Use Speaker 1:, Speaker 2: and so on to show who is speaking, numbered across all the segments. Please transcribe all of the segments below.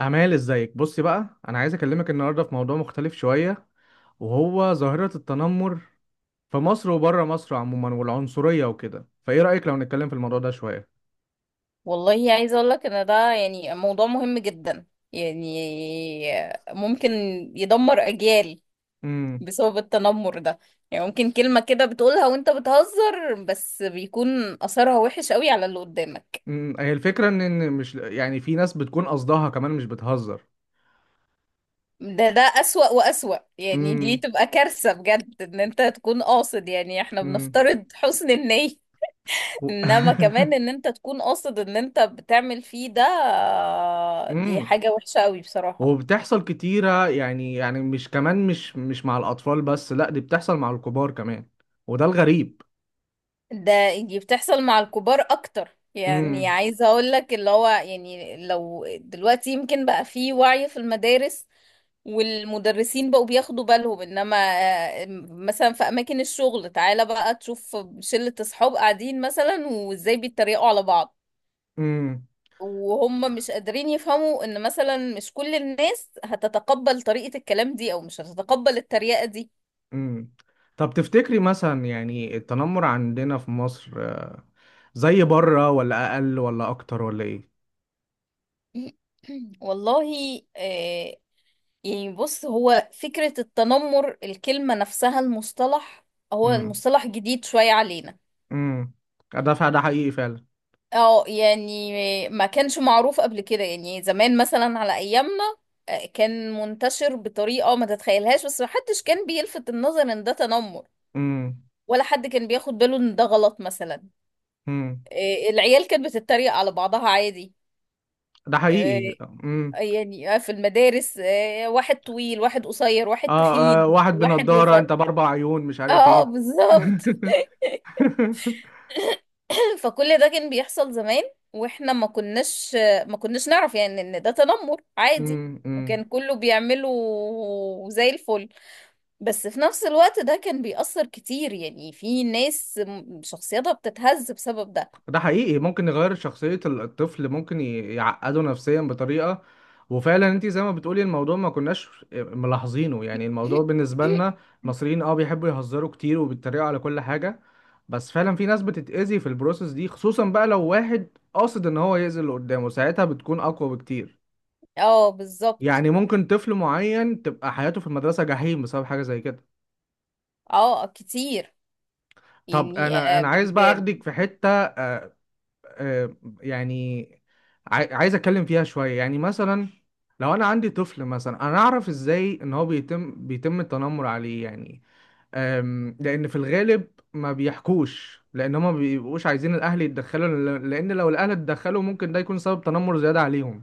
Speaker 1: أمال، ازيك؟ بصي بقى، أنا عايز أكلمك النهاردة في موضوع مختلف شوية، وهو ظاهرة التنمر في مصر وبره مصر عموما، والعنصرية وكده. فإيه رأيك لو نتكلم في الموضوع ده شوية؟
Speaker 2: والله عايزة اقول لك ان ده يعني موضوع مهم جدا، يعني ممكن يدمر اجيال
Speaker 1: امم.
Speaker 2: بسبب التنمر ده. يعني ممكن كلمة كده بتقولها وانت بتهزر، بس بيكون اثرها وحش قوي على اللي قدامك.
Speaker 1: هي الفكرة إن مش، يعني في ناس بتكون قصدها كمان مش بتهزر.
Speaker 2: ده اسوأ واسوأ، يعني دي
Speaker 1: امم.
Speaker 2: تبقى كارثة بجد ان انت تكون قاصد، يعني احنا
Speaker 1: امم.
Speaker 2: بنفترض حسن النية.
Speaker 1: و...
Speaker 2: انما كمان ان انت تكون قاصد ان انت بتعمل فيه ده، دي
Speaker 1: امم.
Speaker 2: حاجة وحشة قوي بصراحة.
Speaker 1: وبتحصل كتيرة، يعني مش كمان، مش مع الأطفال بس، لأ دي بتحصل مع الكبار كمان. وده الغريب.
Speaker 2: ده، دي بتحصل مع الكبار اكتر، يعني
Speaker 1: امم.
Speaker 2: عايزه اقول لك اللي هو، يعني لو دلوقتي يمكن بقى في وعي في المدارس والمدرسين بقوا بياخدوا بالهم. انما مثلا في اماكن الشغل، تعالى بقى تشوف شلة اصحاب قاعدين مثلا وازاي بيتريقوا على بعض، وهم مش قادرين يفهموا ان مثلا مش كل الناس هتتقبل طريقة الكلام دي او مش هتتقبل التريقة دي.
Speaker 1: امم. طب تفتكري مثلا، يعني التنمر عندنا في مصر زي بره، ولا اقل ولا اكتر ولا ايه؟
Speaker 2: والله، يعني بص، هو فكرة التنمر، الكلمة نفسها، المصطلح، هو
Speaker 1: امم.
Speaker 2: المصطلح جديد شوية علينا.
Speaker 1: امم. ده ده حقيقي فعلا.
Speaker 2: اه، يعني ما كانش معروف قبل كده، يعني زمان مثلا على ايامنا كان منتشر بطريقة ما تتخيلهاش، بس محدش كان بيلفت النظر ان ده تنمر،
Speaker 1: امم.
Speaker 2: ولا حد كان بياخد باله ان ده غلط مثلا.
Speaker 1: امم.
Speaker 2: العيال كانت بتتريق على بعضها عادي.
Speaker 1: ده
Speaker 2: آه،
Speaker 1: حقيقي. امم.
Speaker 2: يعني في المدارس، واحد طويل واحد قصير واحد تخين
Speaker 1: واحد
Speaker 2: واحد
Speaker 1: بنضارة،
Speaker 2: رفيع.
Speaker 1: انت باربع عيون، مش عارف
Speaker 2: اه،
Speaker 1: ايه.
Speaker 2: بالظبط. فكل ده كان بيحصل زمان، واحنا ما كناش نعرف يعني ان ده تنمر عادي،
Speaker 1: امم.
Speaker 2: وكان كله بيعمله زي الفل. بس في نفس الوقت ده كان بيأثر كتير، يعني في ناس شخصيتها بتتهز بسبب ده.
Speaker 1: ده حقيقي، ممكن يغير شخصية الطفل، ممكن يعقده نفسيا بطريقة. وفعلا انت زي ما بتقولي، الموضوع ما كناش ملاحظينه. يعني الموضوع بالنسبة لنا المصريين، بيحبوا يهزروا كتير، وبيتريقوا على كل حاجة. بس فعلا في ناس بتتأذي في البروسيس دي، خصوصا بقى لو واحد قاصد ان هو يأذي اللي قدامه، ساعتها بتكون اقوى بكتير.
Speaker 2: اه، بالظبط.
Speaker 1: يعني ممكن طفل معين تبقى حياته في المدرسة جحيم بسبب حاجة زي كده.
Speaker 2: اه، كتير.
Speaker 1: طب
Speaker 2: يعني
Speaker 1: انا انا عايز بقى
Speaker 2: ب...
Speaker 1: اخدك في حتة آه، يعني عايز اتكلم فيها شويه، يعني مثلا لو انا عندي طفل مثلا، انا اعرف ازاي ان هو بيتم التنمر عليه؟ يعني لان في الغالب ما بيحكوش، لان هما ما بيبقوش عايزين الاهل يتدخلوا. لان لو الاهل اتدخلوا ممكن ده يكون سبب تنمر زياده عليهم.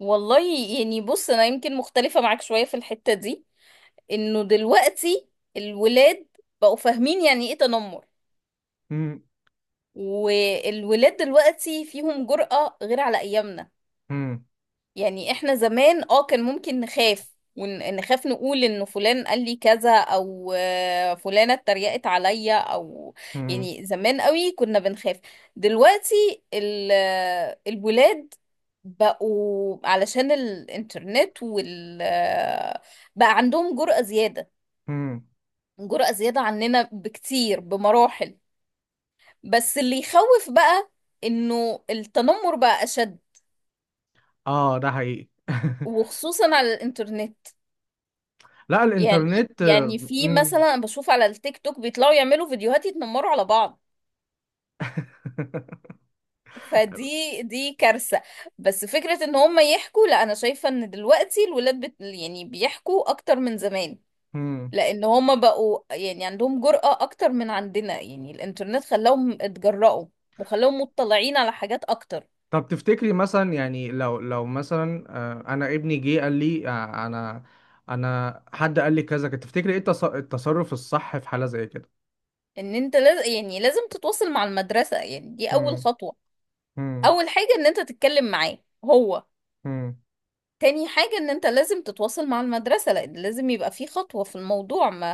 Speaker 2: والله، يعني بص، انا يمكن مختلفة معاك شوية في الحتة دي، انه دلوقتي الولاد بقوا فاهمين يعني ايه تنمر.
Speaker 1: مم،
Speaker 2: والولاد دلوقتي فيهم جرأة غير على أيامنا.
Speaker 1: مم،
Speaker 2: يعني احنا زمان كان ممكن نخاف، ونخاف نقول انه فلان قال لي كذا او فلانة اتريقت عليا او.
Speaker 1: مم،
Speaker 2: يعني زمان قوي كنا بنخاف. دلوقتي الولاد بقوا علشان الانترنت وال آه، بقى عندهم جرأة زيادة،
Speaker 1: مم.
Speaker 2: جرأة زيادة عننا بكتير بمراحل. بس اللي يخوف بقى انه التنمر بقى اشد،
Speaker 1: اه، ده حقيقي.
Speaker 2: وخصوصا على الانترنت.
Speaker 1: لا،
Speaker 2: يعني
Speaker 1: الانترنت
Speaker 2: يعني في مثلا أنا بشوف على التيك توك بيطلعوا يعملوا فيديوهات يتنمروا على بعض، فدي كارثة. بس فكرة ان هم يحكوا، لا، انا شايفة ان دلوقتي الولاد يعني بيحكوا اكتر من زمان،
Speaker 1: مم.
Speaker 2: لان هم بقوا يعني عندهم جرأة اكتر من عندنا، يعني الانترنت خلاهم اتجرأوا، وخلاهم مطلعين على حاجات اكتر.
Speaker 1: طب تفتكري مثلا، يعني لو مثلا انا ابني جه قال لي انا حد قال لي كذا كده، تفتكري ايه التصرف الصح في حالة زي كده؟
Speaker 2: ان انت لازم، يعني لازم تتواصل مع المدرسة، يعني دي اول
Speaker 1: مم،
Speaker 2: خطوة.
Speaker 1: مم،
Speaker 2: اول حاجة ان انت تتكلم معاه هو،
Speaker 1: مم،
Speaker 2: تاني حاجة ان انت لازم تتواصل مع المدرسة، لان لازم يبقى في خطوة في الموضوع، ما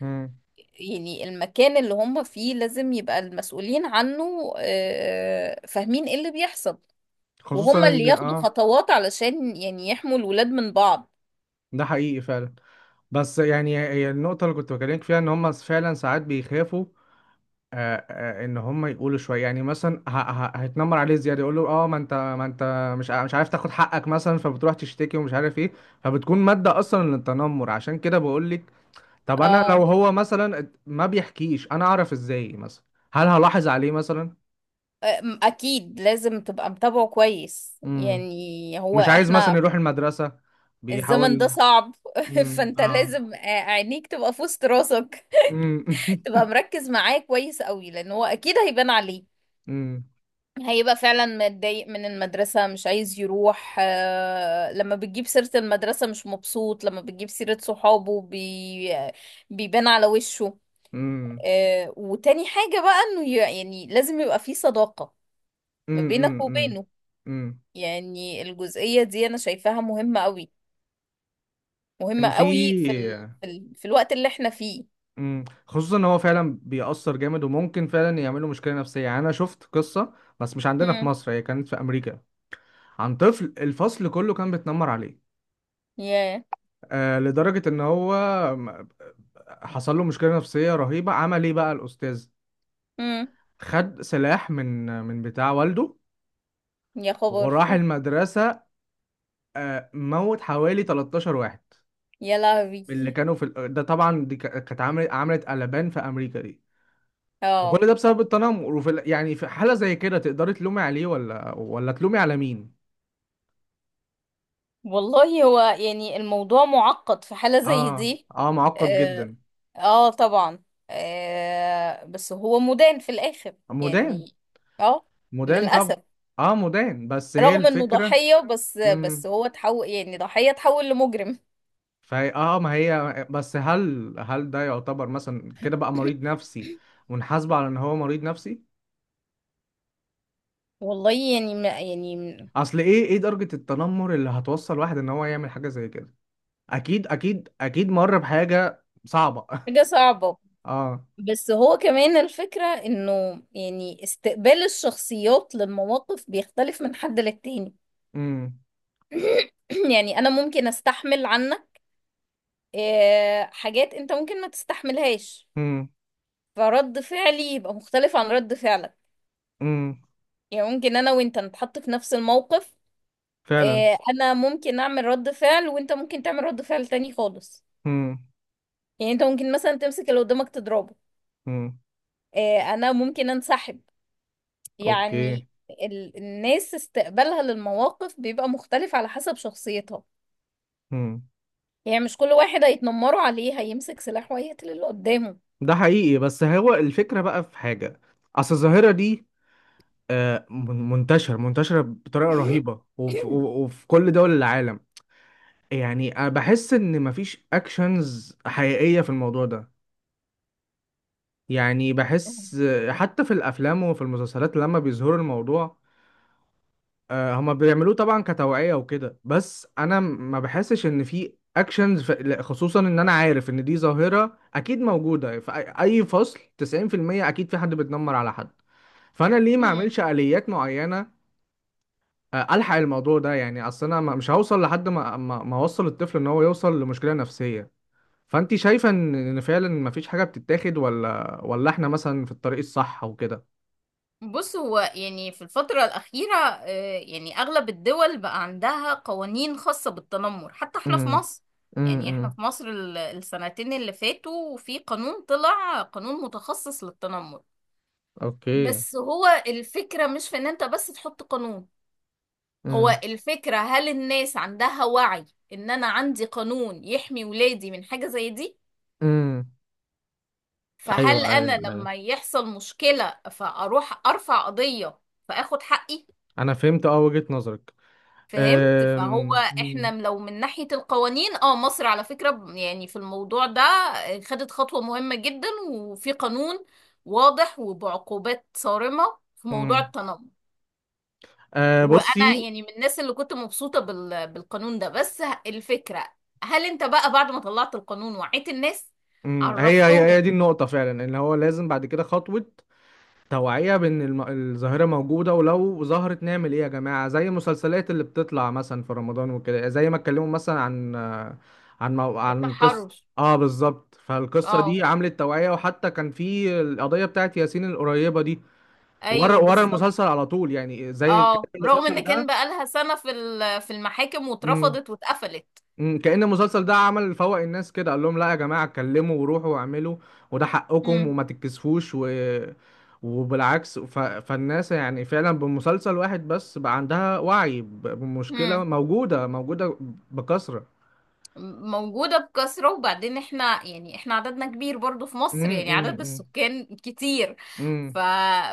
Speaker 1: مم.
Speaker 2: يعني المكان اللي هم فيه لازم يبقى المسؤولين عنه فاهمين ايه اللي بيحصل،
Speaker 1: خصوصا
Speaker 2: وهم اللي
Speaker 1: ان
Speaker 2: ياخدوا خطوات علشان يعني يحموا الولاد من بعض.
Speaker 1: ده حقيقي فعلا. بس يعني هي النقطة اللي كنت بكلمك فيها، ان هم فعلا ساعات بيخافوا ان هم يقولوا شويه. يعني مثلا، هيتنمر عليه زياده، يقول له اه ما انت مش مش عارف تاخد حقك مثلا، فبتروح تشتكي ومش عارف ايه، فبتكون مادة أصلا للتنمر. عشان كده بقول، طب انا لو
Speaker 2: اه.
Speaker 1: هو مثلا ما بيحكيش، انا اعرف ازاي مثلا؟ هل هلاحظ عليه مثلا؟
Speaker 2: اكيد لازم تبقى متابعه كويس،
Speaker 1: امم.
Speaker 2: يعني هو
Speaker 1: مش عايز مثلا
Speaker 2: احنا
Speaker 1: يروح المدرسة،
Speaker 2: الزمن ده
Speaker 1: بيحاول.
Speaker 2: صعب.
Speaker 1: امم.
Speaker 2: فانت
Speaker 1: اه.
Speaker 2: لازم عينيك تبقى في وسط راسك،
Speaker 1: امم.
Speaker 2: تبقى مركز معاه كويس قوي، لان هو اكيد هيبان عليه.
Speaker 1: امم.
Speaker 2: هيبقى فعلا متضايق من المدرسة، مش عايز يروح. لما بتجيب سيرة المدرسة مش مبسوط، لما بتجيب سيرة صحابه بيبان على وشه.
Speaker 1: امم.
Speaker 2: وتاني حاجة بقى انه يعني لازم يبقى في صداقة ما
Speaker 1: امم.
Speaker 2: بينك
Speaker 1: امم.
Speaker 2: وبينه.
Speaker 1: امم.
Speaker 2: يعني الجزئية دي انا شايفاها مهمة قوي، مهمة
Speaker 1: كان في.
Speaker 2: قوي في الوقت اللي احنا فيه.
Speaker 1: امم. خصوصا ان هو فعلا بيأثر جامد، وممكن فعلا يعمله مشكلة نفسية. يعني انا شفت قصة، بس مش عندنا في مصر، هي كانت في امريكا، عن طفل الفصل كله كان بيتنمر عليه
Speaker 2: يا
Speaker 1: لدرجة ان هو حصل له مشكلة نفسية رهيبة. عمل ايه بقى الأستاذ؟
Speaker 2: امم
Speaker 1: خد سلاح من بتاع والده،
Speaker 2: يا خبر،
Speaker 1: وراح المدرسة. موت حوالي 13 واحد
Speaker 2: يا لهوي.
Speaker 1: من اللي كانوا في ده طبعا. دي كانت عملت قلبان في أمريكا دي.
Speaker 2: اه،
Speaker 1: وكل ده بسبب التنمر. وفي يعني في حالة زي كده، تقدري تلومي عليه، ولا تلومي على مين؟
Speaker 2: والله هو يعني الموضوع معقد في حالة زي
Speaker 1: اه،
Speaker 2: دي.
Speaker 1: اه، معقد
Speaker 2: اه،
Speaker 1: جدا.
Speaker 2: آه طبعا. بس هو مدان في الآخر،
Speaker 1: مدان.
Speaker 2: يعني اه،
Speaker 1: مدان طبعا.
Speaker 2: للأسف.
Speaker 1: اه مدان، بس هي
Speaker 2: رغم انه
Speaker 1: الفكرة.
Speaker 2: ضحية، بس هو تحول، يعني ضحية تحول لمجرم.
Speaker 1: فهي ما هي، بس هل ده يعتبر مثلا كده بقى مريض نفسي، ونحاسبه على ان هو مريض نفسي؟
Speaker 2: والله يعني، ما يعني،
Speaker 1: اصل ايه درجة التنمر اللي هتوصل واحد ان هو يعمل حاجة زي كده؟ اكيد اكيد اكيد مر بحاجة صعبة.
Speaker 2: حاجة صعبة.
Speaker 1: اه.
Speaker 2: بس هو كمان الفكرة انه، يعني استقبال الشخصيات للمواقف بيختلف من حد للتاني.
Speaker 1: امم.
Speaker 2: يعني انا ممكن استحمل عنك حاجات انت ممكن ما تستحملهاش،
Speaker 1: امم.
Speaker 2: فرد فعلي يبقى مختلف عن رد فعلك.
Speaker 1: امم.
Speaker 2: يعني ممكن انا وانت نتحط في نفس الموقف،
Speaker 1: فعلا.
Speaker 2: انا ممكن اعمل رد فعل وانت ممكن تعمل رد فعل تاني خالص.
Speaker 1: امم.
Speaker 2: يعني انت ممكن مثلا تمسك اللي قدامك تضربه،
Speaker 1: امم.
Speaker 2: انا ممكن انسحب.
Speaker 1: اوكي.
Speaker 2: يعني الناس استقبالها للمواقف بيبقى مختلف على حسب شخصيتها.
Speaker 1: امم.
Speaker 2: يعني مش كل واحد هيتنمروا عليه هيمسك سلاح وهيقتل اللي قدامه.
Speaker 1: ده حقيقي، بس هو الفكرة بقى، في حاجة. اصل الظاهرة دي منتشرة بطريقة رهيبة، وفي كل دول العالم. يعني أنا بحس ان مفيش اكشنز حقيقية في الموضوع ده. يعني بحس، حتى في الافلام وفي المسلسلات لما بيظهروا الموضوع هما بيعملوه طبعا كتوعية وكده. بس انا ما بحسش ان في اكشنز لا، خصوصا ان انا عارف ان دي ظاهرة اكيد موجودة في أي فصل. 90% اكيد في حد بيتنمر على حد. فانا ليه ما
Speaker 2: مم.
Speaker 1: اعملش آليات معينة الحق الموضوع ده؟ يعني اصل انا مش هوصل لحد ما اوصل الطفل ان هو يوصل لمشكلة نفسية. فانت شايفه إن فعلا مفيش حاجه بتتاخد، ولا احنا مثلا في الطريق الصح وكده؟
Speaker 2: بص، هو يعني في الفترة الأخيرة يعني أغلب الدول بقى عندها قوانين خاصة بالتنمر، حتى احنا في
Speaker 1: امم.
Speaker 2: مصر. يعني احنا
Speaker 1: امم.
Speaker 2: في مصر السنتين اللي فاتوا في قانون، طلع قانون متخصص للتنمر.
Speaker 1: اوكي.
Speaker 2: بس هو الفكرة مش في ان انت بس تحط قانون، هو
Speaker 1: امم.
Speaker 2: الفكرة هل الناس عندها وعي ان انا عندي قانون يحمي ولادي من حاجة زي دي؟
Speaker 1: امم. ايوه،
Speaker 2: فهل انا
Speaker 1: ايوه، ايوه.
Speaker 2: لما يحصل مشكلة فاروح ارفع قضية فاخد حقي؟
Speaker 1: انا فهمت، وجهة نظرك.
Speaker 2: فهمت. فهو
Speaker 1: مم.
Speaker 2: احنا لو من ناحية القوانين، مصر على فكرة يعني في الموضوع ده خدت خطوة مهمة جدا، وفي قانون واضح وبعقوبات صارمة في موضوع
Speaker 1: مم.
Speaker 2: التنمر. وانا
Speaker 1: بصي.
Speaker 2: يعني من الناس اللي كنت مبسوطة بالقانون ده، بس الفكرة هل انت بقى بعد ما طلعت القانون وعيت الناس،
Speaker 1: مم. هي
Speaker 2: عرفتهم؟
Speaker 1: دي النقطة فعلا، ان هو لازم بعد كده خطوة توعية بإن الظاهرة موجودة، ولو ظهرت نعمل إيه يا جماعة؟ زي المسلسلات اللي بتطلع مثلا في رمضان وكده، زي ما اتكلموا مثلا عن قصة.
Speaker 2: التحرش.
Speaker 1: اه، بالظبط. فالقصة
Speaker 2: اه،
Speaker 1: دي عملت توعية. وحتى كان في القضية بتاعت ياسين القريبة دي، ورا
Speaker 2: ايوه،
Speaker 1: ورا
Speaker 2: بالظبط.
Speaker 1: المسلسل على طول. يعني زي كان
Speaker 2: اه، رغم ان
Speaker 1: المسلسل
Speaker 2: كان بقى لها سنة في المحاكم
Speaker 1: ده.
Speaker 2: واترفضت واتقفلت.
Speaker 1: مم، كأن المسلسل ده عمل فوق الناس كده، قال لهم لا يا جماعة، اتكلموا وروحوا واعملوا، وده حقكم، وما تتكسفوش، وبالعكس. فالناس يعني فعلا بمسلسل واحد بس بقى عندها وعي بمشكلة
Speaker 2: امم.
Speaker 1: موجودة موجودة بكثرة.
Speaker 2: موجودة بكثرة. وبعدين احنا، يعني احنا عددنا كبير برضو في
Speaker 1: مم،
Speaker 2: مصر، يعني
Speaker 1: مم،
Speaker 2: عدد
Speaker 1: مم،
Speaker 2: السكان كتير. ف...
Speaker 1: مم،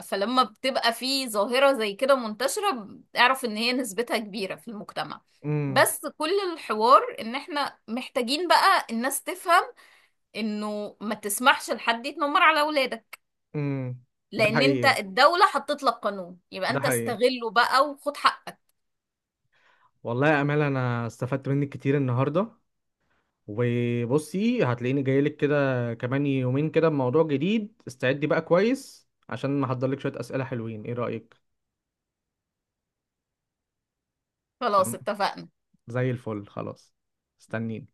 Speaker 2: فلما بتبقى في ظاهرة زي كده منتشرة، اعرف ان هي نسبتها كبيرة في المجتمع.
Speaker 1: مم،
Speaker 2: بس كل الحوار ان احنا محتاجين بقى الناس تفهم انه ما تسمحش لحد يتنمر على اولادك،
Speaker 1: مم. ده
Speaker 2: لان انت
Speaker 1: حقيقي،
Speaker 2: الدولة حطت لك قانون، يبقى
Speaker 1: ده
Speaker 2: انت
Speaker 1: حقيقي.
Speaker 2: استغله بقى وخد حقك.
Speaker 1: والله يا أمال، أنا استفدت منك كتير النهاردة. وبصي، هتلاقيني جاي لك كده كمان يومين كده، بموضوع جديد. استعدي بقى كويس، عشان محضر لك شوية أسئلة حلوين. ايه رأيك؟
Speaker 2: خلاص،
Speaker 1: تمام.
Speaker 2: اتفقنا.
Speaker 1: زي الفل، خلاص. استنيني.